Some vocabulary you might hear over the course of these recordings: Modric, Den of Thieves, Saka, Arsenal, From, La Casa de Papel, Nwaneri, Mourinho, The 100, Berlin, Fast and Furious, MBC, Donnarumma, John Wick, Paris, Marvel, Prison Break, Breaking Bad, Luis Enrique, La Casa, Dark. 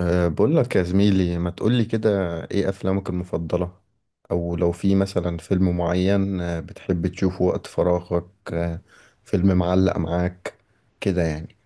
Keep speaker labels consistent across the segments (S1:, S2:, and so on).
S1: بقول لك يا زميلي ما تقولي كده. ايه افلامك المفضلة؟ او لو في مثلا فيلم معين، بتحب تشوفه وقت فراغك، فيلم معلق معاك كده يعني.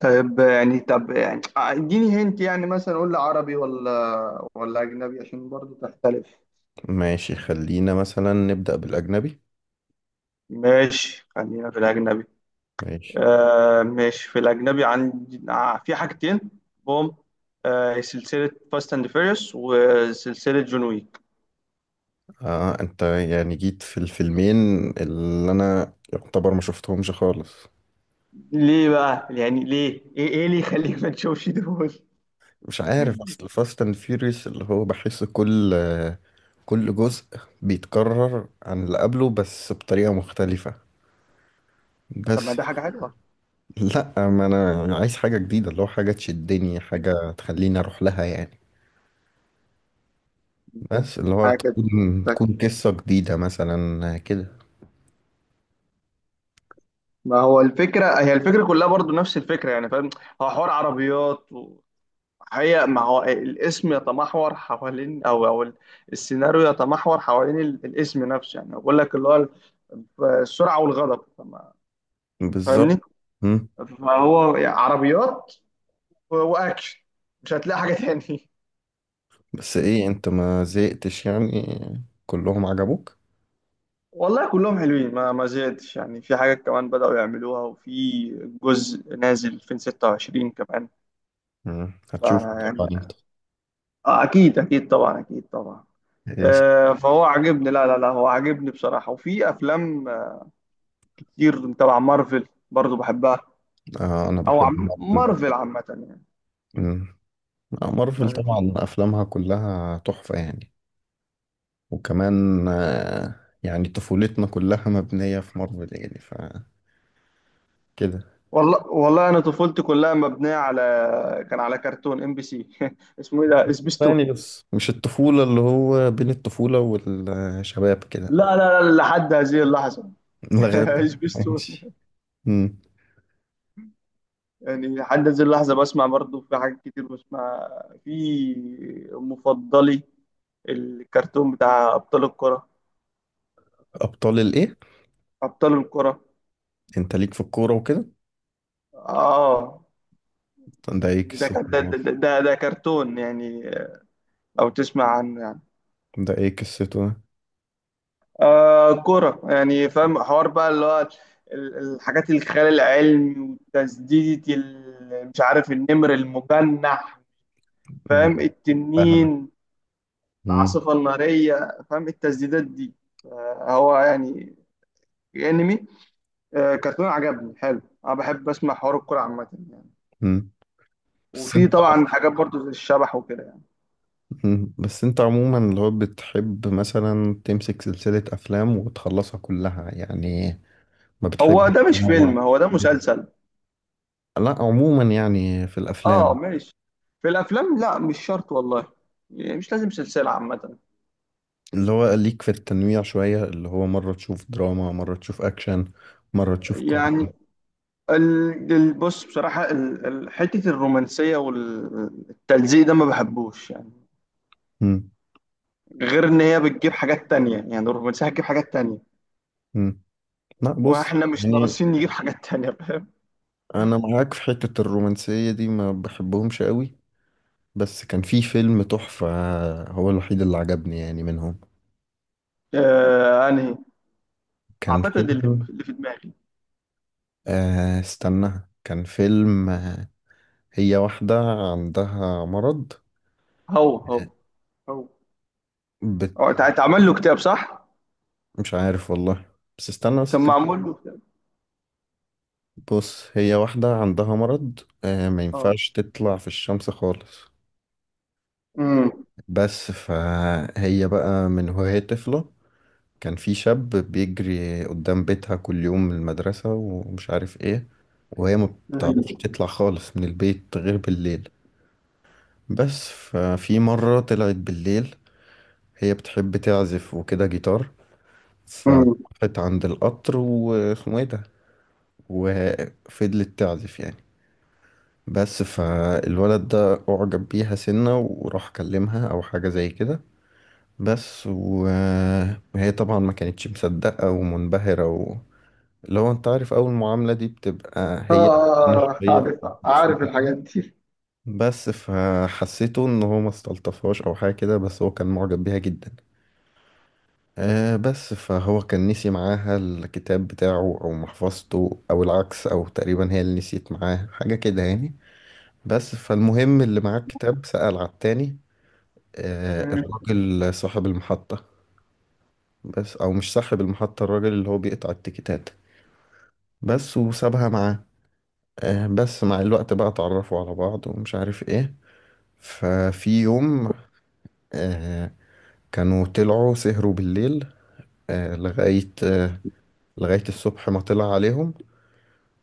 S2: طيب يعني طب يعني اديني هنت يعني مثلا قول لي عربي ولا اجنبي عشان برضو تختلف.
S1: ماشي، خلينا مثلا نبدأ بالأجنبي.
S2: ماشي خلينا في الاجنبي.
S1: ماشي.
S2: ماشي في الاجنبي عندي، في حاجتين. بوم. سلسلة فاست اند فيريوس وسلسلة جون ويك.
S1: اه، انت يعني جيت في الفيلمين اللي انا يعتبر ما شفتهمش خالص.
S2: ليه بقى يعني ليه ايه اللي يخليك ما تشوفش دول؟
S1: مش عارف، اصل فاست اند فيوريوس اللي هو بحس كل كل جزء بيتكرر عن اللي قبله بس بطريقة مختلفة.
S2: طب ما
S1: بس.
S2: ده حاجة حلوة.
S1: لا، ما انا عايز حاجه جديده، اللي هو حاجه تشدني، حاجه تخليني اروح لها يعني. بس اللي هو
S2: حاجة كده.
S1: تكون
S2: طيب،
S1: تكون قصه جديده مثلا كده.
S2: ما هو الفكرة، هي الفكرة كلها برضو نفس الفكرة، يعني فاهم. هو حوار عربيات و... هي ما هو الاسم يتمحور حوالين او او ال- السيناريو يتمحور حوالين الاسم نفسه، يعني بقول لك اللي هو السرعه والغضب.
S1: بالظبط.
S2: فاهمني؟
S1: مم.
S2: فهو يعني عربيات واكشن، مش هتلاقي حاجه تاني.
S1: بس ايه انت ما زهقتش يعني؟ كلهم عجبوك؟
S2: والله كلهم حلوين، ما زهقتش يعني. في حاجات كمان بدأوا يعملوها، وفي جزء نازل 2026 كمان.
S1: هتشوف طبعا
S2: فيعني
S1: انت.
S2: اكيد اكيد، طبعا اكيد طبعا.
S1: ايش؟
S2: فهو عاجبني. لا هو عاجبني بصراحة. وفي افلام كتير تبع مارفل برضو بحبها،
S1: آه، انا
S2: او
S1: بحب
S2: عم
S1: مارفل
S2: مارفل
S1: برضه.
S2: عامة يعني.
S1: مم. آه، مارفل
S2: يعني في.
S1: طبعا افلامها كلها تحفه يعني. وكمان يعني طفولتنا كلها مبنيه في مارفل يعني، فكده
S2: والله والله انا طفولتي كلها مبنية على، كان على كرتون ام بي سي اسمه ايه ده، سبيستون.
S1: يعني. بس مش الطفولة، اللي هو بين الطفولة والشباب كده.
S2: لا لحد هذه اللحظة.
S1: لغاية. ماشي.
S2: سبيستون.
S1: مم.
S2: يعني لحد هذه اللحظة بسمع برضو، في حاجات كتير بسمع. في مفضلي الكرتون بتاع ابطال الكرة.
S1: أبطال الإيه؟
S2: ابطال الكرة.
S1: أنت ليك في الكورة وكده؟
S2: اه.
S1: ده إيه
S2: ده
S1: قصته؟
S2: ده, ده, ده كرتون يعني، لو تسمع عن،
S1: ده إيه قصته ده؟
S2: آه، كرة يعني. فاهم حوار بقى اللي هو الحاجات الخيال العلمي، وتسديدة مش عارف النمر المجنح،
S1: أنا
S2: فاهم،
S1: فاهمك.
S2: التنين،
S1: مم.
S2: العاصفة النارية، فاهم التسديدات دي. آه هو يعني انمي، آه كرتون عجبني حلو. انا بحب اسمع حوار الكرة عامة يعني.
S1: مم. بس
S2: وفي
S1: أنت
S2: طبعا حاجات برضو زي الشبح وكده يعني.
S1: بس أنت عموما اللي هو بتحب مثلا تمسك سلسلة أفلام وتخلصها كلها يعني؟ ما
S2: هو ده
S1: بتحبش
S2: مش
S1: تنوع؟
S2: فيلم، هو ده مسلسل.
S1: لا، عموما يعني في
S2: اه
S1: الأفلام
S2: ماشي. في الافلام لا مش شرط والله، يعني مش لازم سلسلة عامة.
S1: اللي هو ليك في التنويع شوية، اللي هو مرة تشوف دراما، مرة تشوف أكشن، مرة تشوف كوميدي.
S2: يعني بص بصراحة، حتة الرومانسية والتلزيق ده ما بحبوش يعني.
S1: مم.
S2: غير إن هي بتجيب حاجات تانية، يعني الرومانسية هتجيب حاجات تانية،
S1: مم. لا، بص
S2: وإحنا مش
S1: يعني،
S2: ناقصين نجيب حاجات تانية، فاهم؟
S1: أنا معاك في حتة الرومانسية دي، ما بحبهمش قوي. بس كان في فيلم تحفة، هو الوحيد اللي عجبني يعني منهم.
S2: آه أنهي؟
S1: كان
S2: أعتقد اللي
S1: فيلم
S2: اللي في دماغي.
S1: آه استنى، كان فيلم. هي واحدة عندها مرض.
S2: هو هو هو هو
S1: بت...
S2: اتعمل له كتاب، صح؟
S1: مش عارف والله. بس استنى،
S2: كان معمول له كتاب.
S1: بص، هي واحدة عندها مرض، ما
S2: اه.
S1: ينفعش تطلع في الشمس خالص.
S2: امم.
S1: بس فهي بقى من وهي طفلة، كان في شاب بيجري قدام بيتها كل يوم من المدرسة ومش عارف ايه. وهي ما بتعرفش
S2: امم.
S1: تطلع خالص من البيت غير بالليل. بس ففي مرة طلعت بالليل، هي بتحب تعزف وكده جيتار،
S2: امم.
S1: فراحت عند القطر واسمه ايه ده، وفضلت تعزف يعني. بس فالولد ده أعجب بيها سنة وراح كلمها أو حاجة زي كده. بس و... وهي طبعا ما كانتش مصدقة ومنبهرة لو انت عارف اول معاملة دي بتبقى هي أنا
S2: اه
S1: شوية
S2: عارف. عارف
S1: مبسوطة
S2: الحاجات
S1: كده.
S2: دي.
S1: بس فحسيته ان هو ما استلطفهاش او حاجة كده، بس هو كان معجب بيها جدا. بس فهو كان نسي معاها الكتاب بتاعه او محفظته، او العكس، او تقريبا هي اللي نسيت معاه حاجة كده يعني. بس فالمهم اللي معاه الكتاب سأل على التاني،
S2: امم.
S1: الراجل صاحب المحطة. بس، او مش صاحب المحطة، الراجل اللي هو بيقطع التيكيتات. بس وسابها معاه. بس مع الوقت بقى اتعرفوا على بعض ومش عارف ايه. ففي يوم، آه كانوا طلعوا سهروا بالليل، لغاية لغاية الصبح ما طلع عليهم،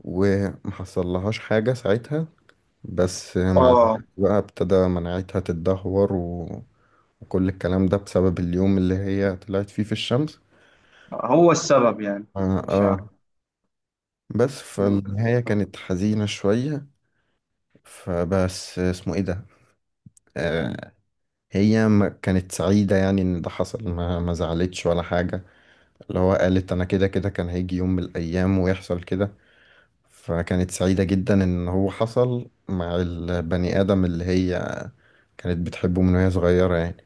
S1: ومحصلهاش حاجة ساعتها. بس مع الوقت
S2: اه
S1: بقى ابتدى مناعتها تتدهور وكل الكلام ده بسبب اليوم اللي هي طلعت فيه في الشمس.
S2: هو السبب يعني.
S1: اه،
S2: ماشي يا
S1: آه. بس
S2: عم.
S1: فالنهاية كانت حزينة شوية. فبس اسمه ايه ده. آه. هي ما كانت سعيدة يعني ان ده حصل، ما زعلتش ولا حاجة. اللي هو قالت انا كده كده كان هيجي يوم من الايام ويحصل كده. فكانت سعيدة جدا ان هو حصل مع البني ادم اللي هي كانت بتحبه من وهي صغيرة يعني.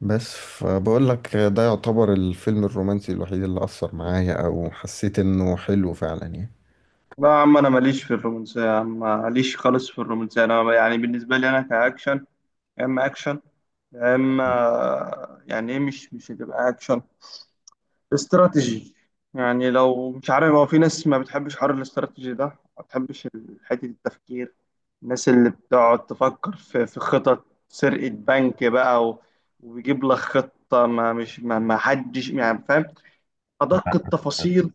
S1: بس فبقول لك، ده يعتبر الفيلم الرومانسي الوحيد اللي أثر معايا أو حسيت إنه حلو فعلا يعني.
S2: لا يا عم، انا ماليش في الرومانسيه يا عم، ماليش خالص في الرومانسيه. انا يعني بالنسبه لي، انا كاكشن. يا اما اكشن، يا اما يعني ايه، مش هتبقى اكشن، استراتيجي. يعني لو مش عارف، هو في ناس ما بتحبش حوار الاستراتيجي ده، ما بتحبش حته التفكير. الناس اللي بتقعد تفكر في خطط سرقه بنك بقى وبيجيب لك خطه، ما مش ما, ما حدش يعني فاهم ادق
S1: لا، أنا
S2: التفاصيل.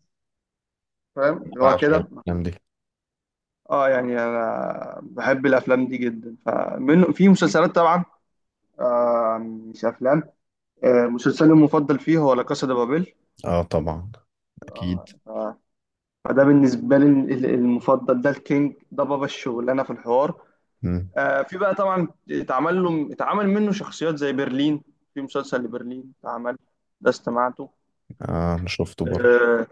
S2: فاهم اللي هو
S1: بعشق
S2: كده.
S1: الأفلام دي.
S2: اه يعني انا بحب الافلام دي جدا. فمن في مسلسلات طبعا، آه مش افلام، آه مسلسلي المفضل فيه هو لا كاسا دي بابيل.
S1: آه طبعا.
S2: آه
S1: أكيد.
S2: فده بالنسبه لي المفضل. ده الكينج، ده بابا الشغلانه في الحوار.
S1: مم.
S2: آه في بقى طبعا اتعمل منه شخصيات زي برلين، في مسلسل لبرلين اتعمل، ده استمعته.
S1: آه، أنا شفته برضه.
S2: اه.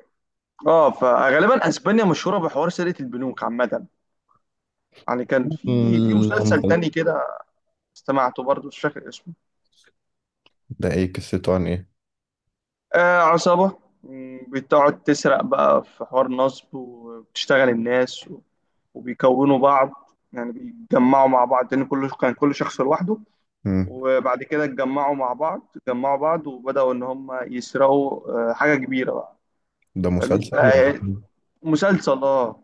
S2: فغالبا اسبانيا مشهوره بحوار سرقه البنوك عامه. يعني كان في مسلسل
S1: المسلسلات.
S2: تاني كده استمعته برضه، مش فاكر اسمه.
S1: ده ايه قصته، عن ايه؟
S2: آه عصابة، مم، بتقعد تسرق بقى في حوار نصب، وبتشتغل الناس وبيكونوا بعض، يعني بيتجمعوا مع بعض، لأن كان كل شخص لوحده،
S1: مم.
S2: وبعد كده اتجمعوا مع بعض، اتجمعوا بعض وبدأوا إن هم يسرقوا حاجة كبيرة بقى.
S1: ده
S2: فاهمني؟
S1: مسلسل ولا فيلم؟
S2: مسلسل اه.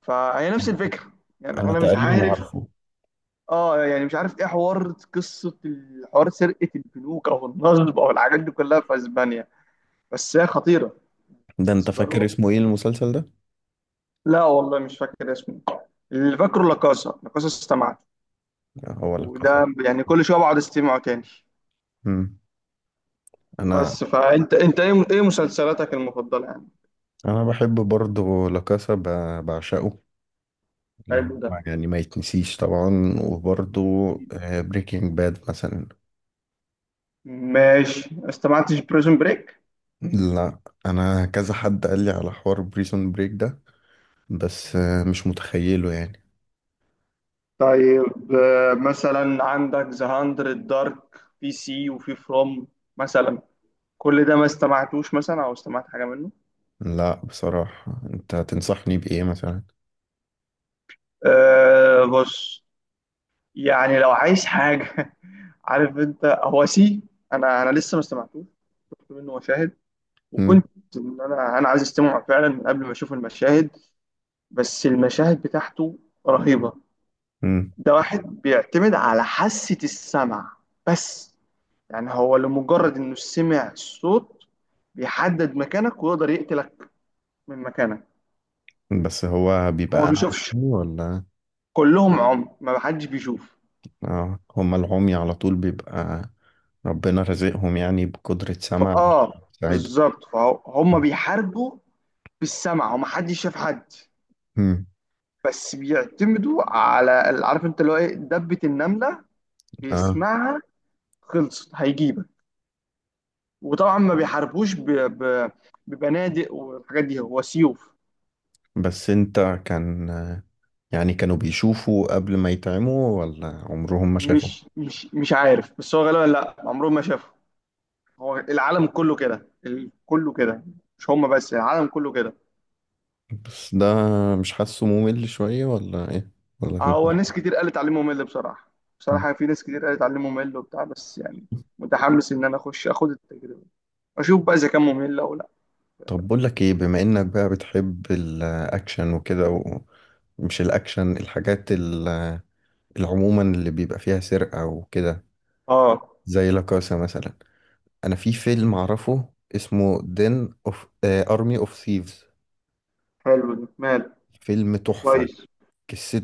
S2: فهي نفس الفكرة، يعني
S1: انا
S2: أنا مش
S1: تقريبا
S2: عارف.
S1: عارفه.
S2: اه يعني مش عارف ايه حوار قصة الحوار سرقة البنوك أو النصب أو الحاجات دي كلها في أسبانيا، بس هي خطيرة
S1: ده انت
S2: بالنسبة
S1: فاكر
S2: لهم.
S1: اسمه ايه المسلسل ده؟
S2: لا والله مش فاكر اسمه، اللي فاكره لاكاسا. لاكاسا استمعت،
S1: هو لا كاسا.
S2: وده يعني كل شويه بقعد استمعه تاني.
S1: مم. انا
S2: بس فانت انت ايه مسلسلاتك المفضله يعني؟
S1: انا بحب برضه لا كاسا، بعشقه. اللي
S2: حلو ده.
S1: هو يعني ما يتنسيش طبعا، وبرضه بريكنج باد مثلا.
S2: ماشي. ما استمعتش بريزون بريك.
S1: لا. انا كذا حد قال لي على حوار بريسون بريك ده، بس مش متخيله يعني.
S2: طيب مثلا عندك ذا 100، دارك، في سي، وفي فروم مثلا. كل ده ما استمعتوش مثلا، او استمعت حاجه منه؟
S1: لا، بصراحة انت تنصحني بايه مثلا؟
S2: أه بص، يعني لو عايز حاجه، عارف انت هو سي. انا انا لسه ما استمعتوش، شفت منه مشاهد،
S1: مم.
S2: وكنت ان انا عايز استمع فعلا من قبل ما اشوف المشاهد، بس المشاهد بتاعته رهيبه.
S1: مم.
S2: ده واحد بيعتمد على حاسه السمع بس، يعني هو لمجرد انه سمع الصوت بيحدد مكانك ويقدر يقتلك من مكانك.
S1: بس هو
S2: هو
S1: بيبقى
S2: ما
S1: أعمى
S2: بيشوفش،
S1: يعني، ولا؟
S2: كلهم عمي ما حدش بيشوف.
S1: اه، هما العمي على طول بيبقى، ربنا رزقهم يعني بقدرة سمع
S2: فاه،
S1: سعيد.
S2: بالظبط، فهم بيحاربوا بالسمع وما حدش شاف حد، بس بيعتمدوا على، عارف انت اللي هو ايه، دبة النملة
S1: اه.
S2: بيسمعها، خلصت هيجيبك. وطبعا ما بيحاربوش ب... ب... ببنادق والحاجات دي، هو سيوف.
S1: بس انت كان يعني كانوا بيشوفوا قبل ما يتعموا ولا عمرهم ما شافوا؟
S2: مش عارف، بس هو غالبا لا، عمرهم ما شافه، هو العالم كله كده، كله كده، مش هم بس، العالم كله كده.
S1: بس ده مش حاسه ممل شوية ولا ايه، ولا فين؟
S2: هو ناس كتير قالت تعليمه ممل بصراحة،
S1: مم.
S2: بصراحة في ناس كتير قالت تعليمه ممل وبتاع، بس يعني متحمس ان انا اخد التجربة، اشوف بقى اذا كان ممل او لا.
S1: طب بقول لك ايه، بما انك بقى بتحب الاكشن وكده مش الاكشن، الحاجات عموما اللي بيبقى فيها سرقة وكده،
S2: اه
S1: زي لاكاسا مثلا. أنا في فيلم أعرفه، اسمه دين أوف أرمي أوف ثيفز.
S2: حلو ده، مال
S1: فيلم تحفة.
S2: كويس.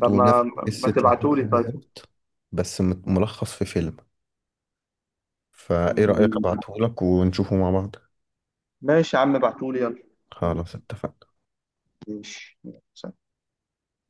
S2: طب
S1: نفس
S2: ما
S1: قصة لاكاسا
S2: تبعتولي طيب.
S1: بالظبط، بس ملخص في فيلم. فإيه رأيك
S2: مم.
S1: أبعتهولك ونشوفه مع بعض؟
S2: ماشي يا عم ابعتولي. يلا.
S1: خلاص اتفقنا.
S2: ماشي يلا، سلام.